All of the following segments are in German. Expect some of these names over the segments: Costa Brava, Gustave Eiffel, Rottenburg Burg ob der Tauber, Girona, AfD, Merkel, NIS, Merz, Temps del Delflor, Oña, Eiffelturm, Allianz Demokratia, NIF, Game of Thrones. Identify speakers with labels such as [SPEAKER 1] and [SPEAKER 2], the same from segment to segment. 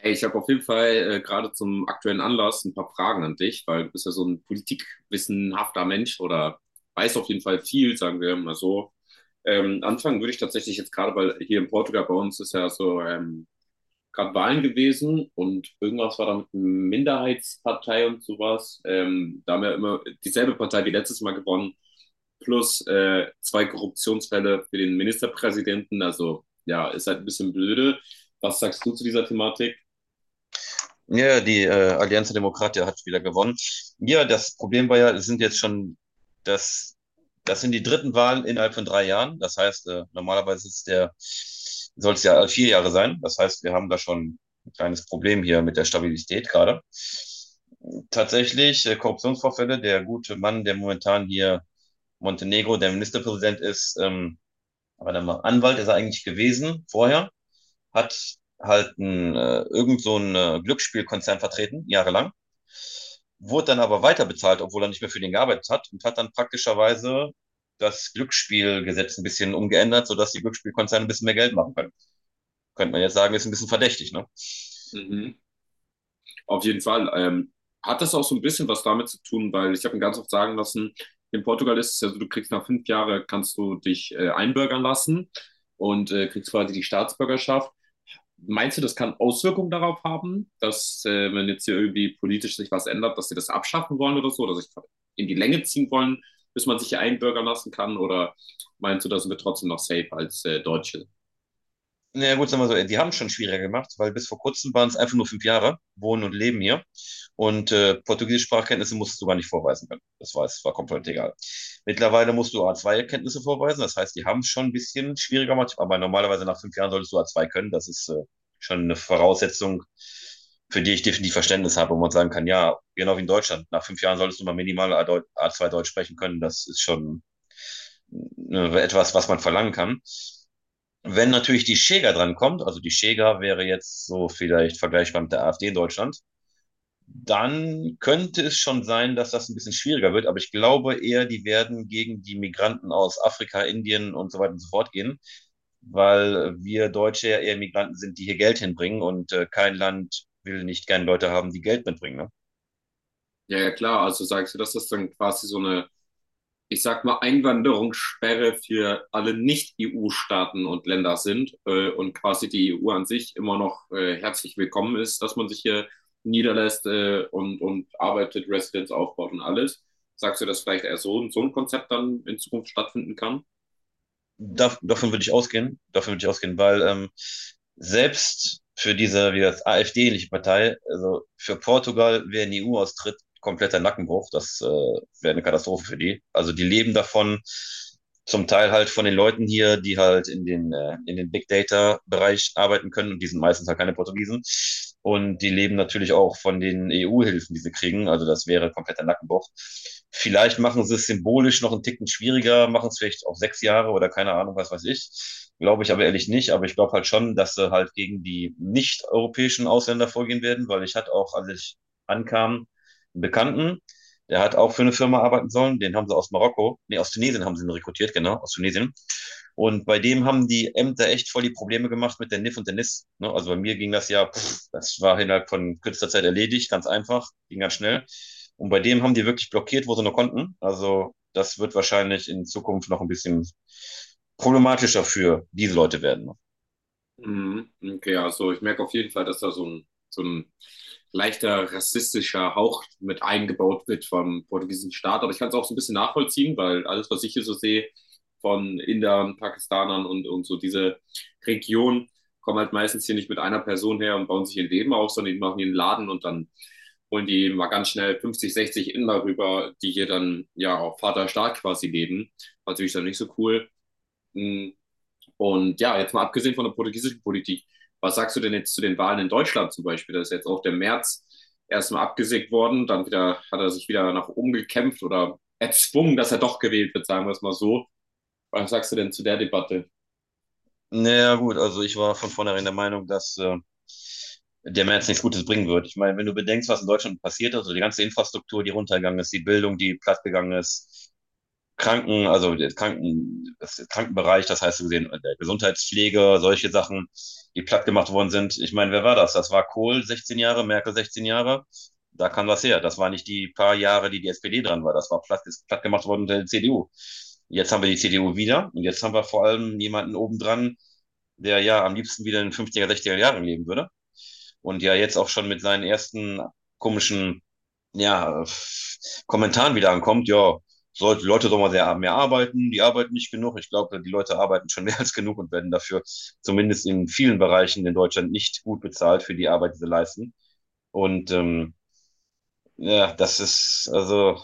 [SPEAKER 1] Hey, ich habe auf jeden Fall gerade zum aktuellen Anlass ein paar Fragen an dich, weil du bist ja so ein politikwissenhafter Mensch oder weißt auf jeden Fall viel, sagen wir mal so. Anfangen würde ich tatsächlich jetzt gerade, weil hier in Portugal bei uns ist ja so gerade Wahlen gewesen und irgendwas war da mit einer Minderheitspartei und sowas. Da haben wir immer dieselbe Partei wie letztes Mal gewonnen, plus zwei Korruptionsfälle für den Ministerpräsidenten. Also ja, ist halt ein bisschen blöde. Was sagst du zu dieser Thematik?
[SPEAKER 2] Ja, ja, die Allianz Demokratia hat wieder gewonnen. Ja, das Problem war ja, es sind jetzt schon, das, das sind die dritten Wahlen innerhalb von 3 Jahren. Das heißt, normalerweise ist der, soll es ja 4 Jahre sein. Das heißt, wir haben da schon ein kleines Problem hier mit der Stabilität gerade. Tatsächlich, Korruptionsvorfälle, der gute Mann, der momentan hier Montenegro der Ministerpräsident ist, aber dann mal Anwalt ist er eigentlich gewesen vorher, hat halt ein, irgend so ein Glücksspielkonzern vertreten, jahrelang, wurde dann aber weiter bezahlt, obwohl er nicht mehr für den gearbeitet hat und hat dann praktischerweise das Glücksspielgesetz ein bisschen umgeändert, sodass die Glücksspielkonzerne ein bisschen mehr Geld machen können. Könnte man jetzt sagen, ist ein bisschen verdächtig, ne?
[SPEAKER 1] Mhm. Auf jeden Fall. Hat das auch so ein bisschen was damit zu tun, weil ich habe mir ganz oft sagen lassen, in Portugal ist es ja so, du kriegst nach 5 Jahren, kannst du dich einbürgern lassen und kriegst quasi die Staatsbürgerschaft. Meinst du, das kann Auswirkungen darauf haben, dass wenn jetzt hier irgendwie politisch sich was ändert, dass sie das abschaffen wollen oder so, oder sich in die Länge ziehen wollen, bis man sich hier einbürgern lassen kann? Oder meinst du, da sind wir trotzdem noch safe als Deutsche?
[SPEAKER 2] Na ja, gut, sagen wir so, die haben es schon schwieriger gemacht, weil bis vor kurzem waren es einfach nur 5 Jahre, wohnen und leben hier. Und portugiesische Sprachkenntnisse musstest du gar nicht vorweisen können. Das war, es war komplett egal. Mittlerweile musst du A2-Kenntnisse vorweisen, das heißt, die haben es schon ein bisschen schwieriger gemacht, aber normalerweise nach 5 Jahren solltest du A2 können. Das ist schon eine Voraussetzung, für die ich definitiv Verständnis habe, wo man sagen kann, ja, genau wie in Deutschland, nach 5 Jahren solltest du mal minimal A2 Deutsch sprechen können. Das ist schon etwas, was man verlangen kann. Wenn natürlich die Schäger dran kommt, also die Schäger wäre jetzt so vielleicht vergleichbar mit der AfD in Deutschland, dann könnte es schon sein, dass das ein bisschen schwieriger wird. Aber ich glaube eher, die werden gegen die Migranten aus Afrika, Indien und so weiter und so fort gehen, weil wir Deutsche ja eher Migranten sind, die hier Geld hinbringen und kein Land will nicht gerne Leute haben, die Geld mitbringen. Ne?
[SPEAKER 1] Ja, ja, klar. Also sagst du, dass das dann quasi so eine, ich sag mal, Einwanderungssperre für alle Nicht-EU-Staaten und Länder sind und quasi die EU an sich immer noch herzlich willkommen ist, dass man sich hier niederlässt und arbeitet, Residenz aufbaut und alles. Sagst du, dass vielleicht eher so, so ein Konzept dann in Zukunft stattfinden kann?
[SPEAKER 2] Davon würde ich ausgehen, davon würde ich ausgehen, weil selbst für diese, wie das AfD-ähnliche Partei, also für Portugal, wer in die EU austritt, kompletter Nackenbruch, das wäre eine Katastrophe für die. Also die leben davon, zum Teil halt von den Leuten hier, die halt in den Big Data-Bereich arbeiten können und die sind meistens halt keine Portugiesen. Und die leben natürlich auch von den EU-Hilfen, die sie kriegen. Also das wäre kompletter Nackenbruch. Vielleicht machen sie es symbolisch noch einen Ticken schwieriger, machen es vielleicht auf 6 Jahre oder keine Ahnung, was weiß ich. Glaube ich aber ehrlich nicht. Aber ich glaube halt schon, dass sie halt gegen die nicht-europäischen Ausländer vorgehen werden, weil ich hatte auch, als ich ankam, einen Bekannten, der hat auch für eine Firma arbeiten sollen. Den haben sie aus Marokko, nee, aus Tunesien haben sie ihn rekrutiert, genau, aus Tunesien. Und bei dem haben die Ämter echt voll die Probleme gemacht mit der NIF und der NIS. Ne? Also bei mir ging das ja, pff, das war innerhalb von kürzester Zeit erledigt, ganz einfach, ging ganz schnell. Und bei dem haben die wirklich blockiert, wo sie nur konnten. Also das wird wahrscheinlich in Zukunft noch ein bisschen problematischer für diese Leute werden.
[SPEAKER 1] Mhm. Okay, also ich merke auf jeden Fall, dass da so ein leichter rassistischer Hauch mit eingebaut wird vom portugiesischen Staat. Aber ich kann es auch so ein bisschen nachvollziehen, weil alles, was ich hier so sehe von Indern, Pakistanern und so diese Region, kommen halt meistens hier nicht mit einer Person her und bauen sich ihr Leben auf, sondern die machen ihren Laden und dann holen die mal ganz schnell 50, 60 Inder rüber, die hier dann ja auf Vaterstaat quasi leben. War natürlich dann nicht so cool. Mhm. Und ja, jetzt mal abgesehen von der portugiesischen Politik, was sagst du denn jetzt zu den Wahlen in Deutschland zum Beispiel? Da ist jetzt auch der März erstmal abgesägt worden, dann wieder hat er sich wieder nach oben gekämpft oder erzwungen, dass er doch gewählt wird, sagen wir es mal so. Was sagst du denn zu der Debatte?
[SPEAKER 2] Naja, gut, also ich war von vornherein der Meinung, dass der März nichts Gutes bringen wird. Ich meine, wenn du bedenkst, was in Deutschland passiert ist, also die ganze Infrastruktur, die runtergegangen ist, die Bildung, die plattgegangen ist, Kranken, also der Kranken, das Krankenbereich, das heißt, so gesehen, der Gesundheitspflege, solche Sachen, die plattgemacht worden sind. Ich meine, wer war das? Das war Kohl 16 Jahre, Merkel 16 Jahre. Da kam was her. Das war nicht die paar Jahre, die die SPD dran war. Das war platt, ist plattgemacht worden unter der CDU. Jetzt haben wir die CDU wieder und jetzt haben wir vor allem jemanden obendran, der ja am liebsten wieder in den 50er Jahren leben würde. Und ja jetzt auch schon mit seinen ersten komischen, ja, Kommentaren wieder ankommt, ja, sollte Leute doch mal sehr mehr arbeiten, die arbeiten nicht genug. Ich glaube, die Leute arbeiten schon mehr als genug und werden dafür zumindest in vielen Bereichen in Deutschland nicht gut bezahlt für die Arbeit, die sie leisten. Und ja, das ist also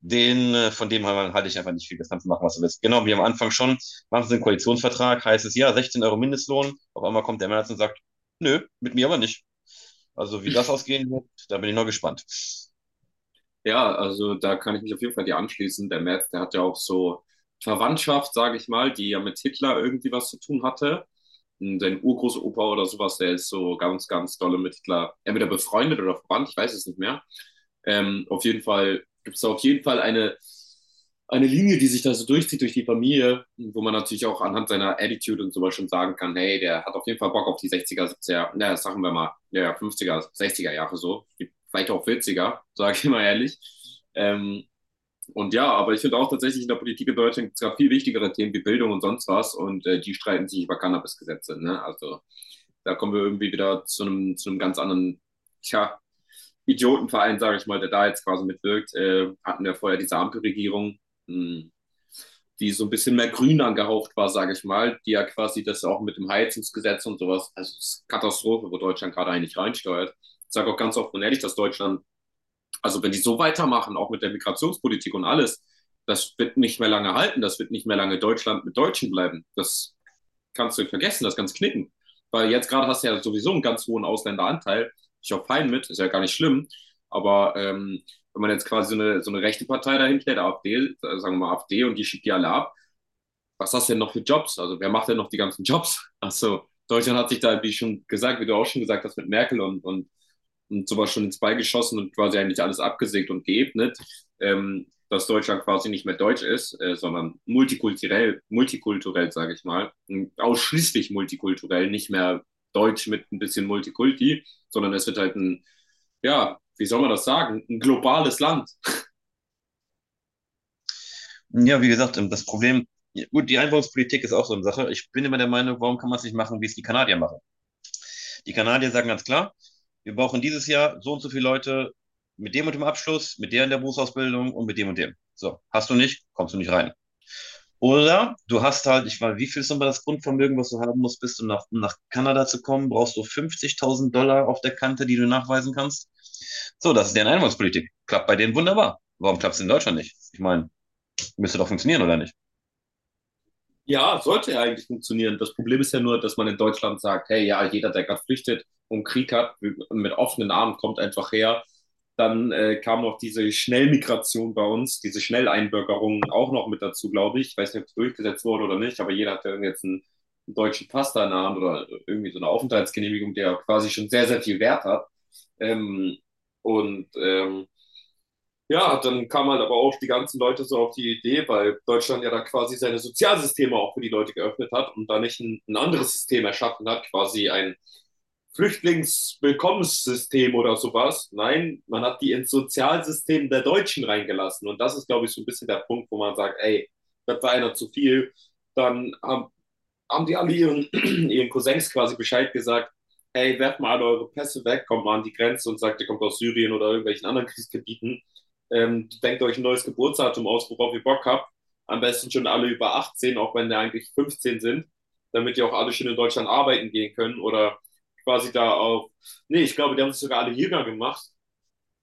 [SPEAKER 2] den, von dem halte ich einfach nicht viel. Das kannst du machen, was du willst. Genau, wie am Anfang schon, machen sie einen Koalitionsvertrag, heißt es ja, 16 € Mindestlohn. Auf einmal kommt der März und sagt, nö, mit mir aber nicht. Also wie das ausgehen wird, da bin ich noch gespannt.
[SPEAKER 1] Ja, also da kann ich mich auf jeden Fall dir anschließen. Der Merz, der hat ja auch so Verwandtschaft, sage ich mal, die ja mit Hitler irgendwie was zu tun hatte. Und sein Urgroßopa oder sowas, der ist so ganz, ganz dolle mit Hitler, entweder befreundet oder verwandt, ich weiß es nicht mehr. Auf jeden Fall gibt es auf jeden Fall eine Linie, die sich da so durchzieht durch die Familie, wo man natürlich auch anhand seiner Attitude und sowas schon sagen kann, hey, der hat auf jeden Fall Bock auf die sechziger, er naja, sagen wir mal, ja, ja, fünfziger, sechziger Jahre so, vielleicht auch vierziger, sage ich mal ehrlich. Ähm, und ja, aber ich finde auch tatsächlich in der Politik in Deutschland gibt es gerade viel wichtigere Themen wie Bildung und sonst was und die streiten sich über Cannabis-Gesetze. Ne? Also da kommen wir irgendwie wieder zu einem ganz anderen, tja, Idiotenverein, sage ich mal, der da jetzt quasi mitwirkt, hatten wir vorher diese Ampelregierung, mh, die so ein bisschen mehr grün angehaucht war, sage ich mal, die ja quasi das auch mit dem Heizungsgesetz und sowas, also es ist Katastrophe, wo Deutschland gerade eigentlich reinsteuert. Ich sage auch ganz offen und ehrlich, dass Deutschland, also wenn die so weitermachen, auch mit der Migrationspolitik und alles, das wird nicht mehr lange halten, das wird nicht mehr lange Deutschland mit Deutschen bleiben. Das kannst du vergessen, das kannst knicken. Weil jetzt gerade hast du ja sowieso einen ganz hohen Ausländeranteil. Ich auch fein mit, ist ja gar nicht schlimm. Aber wenn man jetzt quasi so eine rechte Partei dahin stellt, AfD, sagen wir mal AfD, und die schickt die alle ab, was hast du denn noch für Jobs? Also wer macht denn noch die ganzen Jobs? Also Deutschland hat sich da, wie schon gesagt, wie du auch schon gesagt hast, mit Merkel und sowas schon ins Bein geschossen und quasi eigentlich alles abgesägt und geebnet, dass Deutschland quasi nicht mehr deutsch ist, sondern multikulturell, multikulturell, sage ich mal, ausschließlich multikulturell, nicht mehr deutsch mit ein bisschen Multikulti, sondern es wird halt ein, ja, wie soll man das sagen, ein globales Land.
[SPEAKER 2] Ja, wie gesagt, das Problem, ja, gut, die Einwanderungspolitik ist auch so eine Sache. Ich bin immer der Meinung, warum kann man es nicht machen, wie es die Kanadier machen? Die Kanadier sagen ganz klar, wir brauchen dieses Jahr so und so viele Leute mit dem und dem Abschluss, mit der in der Berufsausbildung und mit dem und dem. So, hast du nicht, kommst du nicht rein. Oder du hast halt, ich weiß, wie viel ist nochmal das Grundvermögen, was du haben musst, bist du nach, um nach Kanada zu kommen, brauchst du 50.000 $ auf der Kante, die du nachweisen kannst. So, das ist deren Einwanderungspolitik. Klappt bei denen wunderbar. Warum klappt es in Deutschland nicht? Ich meine, müsste doch funktionieren, oder nicht?
[SPEAKER 1] Ja, sollte ja eigentlich funktionieren. Das Problem ist ja nur, dass man in Deutschland sagt, hey, ja, jeder, der gerade flüchtet und Krieg hat, mit offenen Armen kommt einfach her. Dann kam noch diese Schnellmigration bei uns, diese Schnelleinbürgerung auch noch mit dazu, glaube ich. Ich weiß nicht, ob es durchgesetzt wurde oder nicht, aber jeder hat ja jetzt einen, einen deutschen Pass da in der Hand oder irgendwie so eine Aufenthaltsgenehmigung, der quasi schon sehr, sehr viel Wert hat. Ähm, und ähm, ja, dann kam halt aber auch die ganzen Leute so auf die Idee, weil Deutschland ja da quasi seine Sozialsysteme auch für die Leute geöffnet hat und da nicht ein, ein anderes System erschaffen hat, quasi ein Flüchtlingswillkommenssystem oder sowas. Nein, man hat die ins Sozialsystem der Deutschen reingelassen. Und das ist, glaube ich, so ein bisschen der Punkt, wo man sagt, ey, das war einer zu viel. Dann haben, haben die alle ihren, ihren Cousins quasi Bescheid gesagt, ey, werft mal alle eure Pässe weg, kommt mal an die Grenze und sagt, ihr kommt aus Syrien oder irgendwelchen anderen Kriegsgebieten. Denkt euch ein neues Geburtsdatum aus, worauf ihr Bock habt. Am besten schon alle über 18, auch wenn die eigentlich 15 sind, damit die auch alle schön in Deutschland arbeiten gehen können oder quasi da auf. Nee, ich glaube, die haben es sogar alle Jäger gemacht,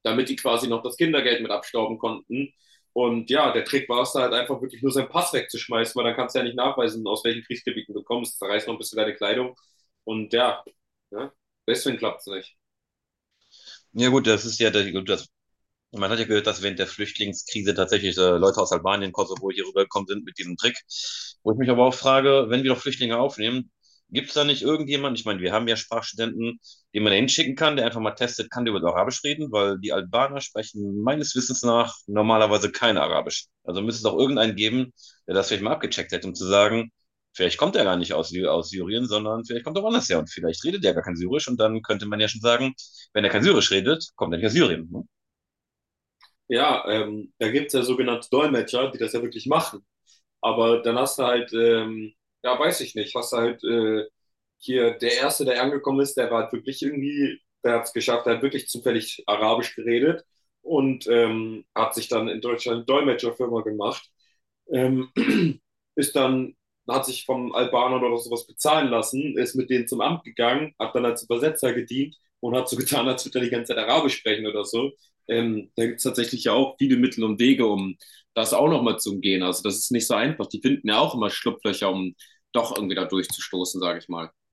[SPEAKER 1] damit die quasi noch das Kindergeld mit abstauben konnten. Und ja, der Trick war es da halt einfach wirklich nur seinen Pass wegzuschmeißen, weil dann kannst du ja nicht nachweisen, aus welchen Kriegsgebieten du kommst. Zerreißt noch ein bisschen deine Kleidung. Und ja, ja deswegen klappt es nicht.
[SPEAKER 2] Ja gut, das ist ja, der- gut, das Man hat ja gehört, dass während der Flüchtlingskrise tatsächlich Leute aus Albanien, Kosovo hier rübergekommen sind mit diesem Trick. Wo ich mich aber auch frage, wenn wir doch Flüchtlinge aufnehmen, gibt es da nicht irgendjemanden, ich meine, wir haben ja Sprachstudenten, den man da hinschicken kann, der einfach mal testet, kann der über Arabisch reden, weil die Albaner sprechen meines Wissens nach normalerweise kein Arabisch. Also müsste es auch irgendeinen geben, der das vielleicht mal abgecheckt hätte, um zu sagen, vielleicht kommt er gar nicht aus, aus Syrien, sondern vielleicht kommt er woanders her und vielleicht redet er gar kein Syrisch und dann könnte man ja schon sagen, wenn er kein Syrisch redet, kommt er nicht aus Syrien.
[SPEAKER 1] Ja, da gibt es ja sogenannte Dolmetscher, die das ja wirklich machen. Aber dann hast du halt, ja, weiß ich nicht, hast du halt hier, der Erste, der angekommen ist, der war halt wirklich irgendwie, der hat es geschafft, der hat wirklich zufällig Arabisch geredet und hat sich dann in Deutschland eine Dolmetscherfirma gemacht. Ähm, ist dann, hat sich vom Albaner oder sowas bezahlen lassen, ist mit denen zum Amt gegangen, hat dann als Übersetzer gedient und hat so getan, als würde er die ganze Zeit Arabisch sprechen oder so. Da gibt es tatsächlich ja auch viele Mittel und Wege, um das auch nochmal zu umgehen. Also das ist nicht so einfach. Die finden ja auch immer Schlupflöcher, um doch irgendwie da durchzustoßen, sage ich mal.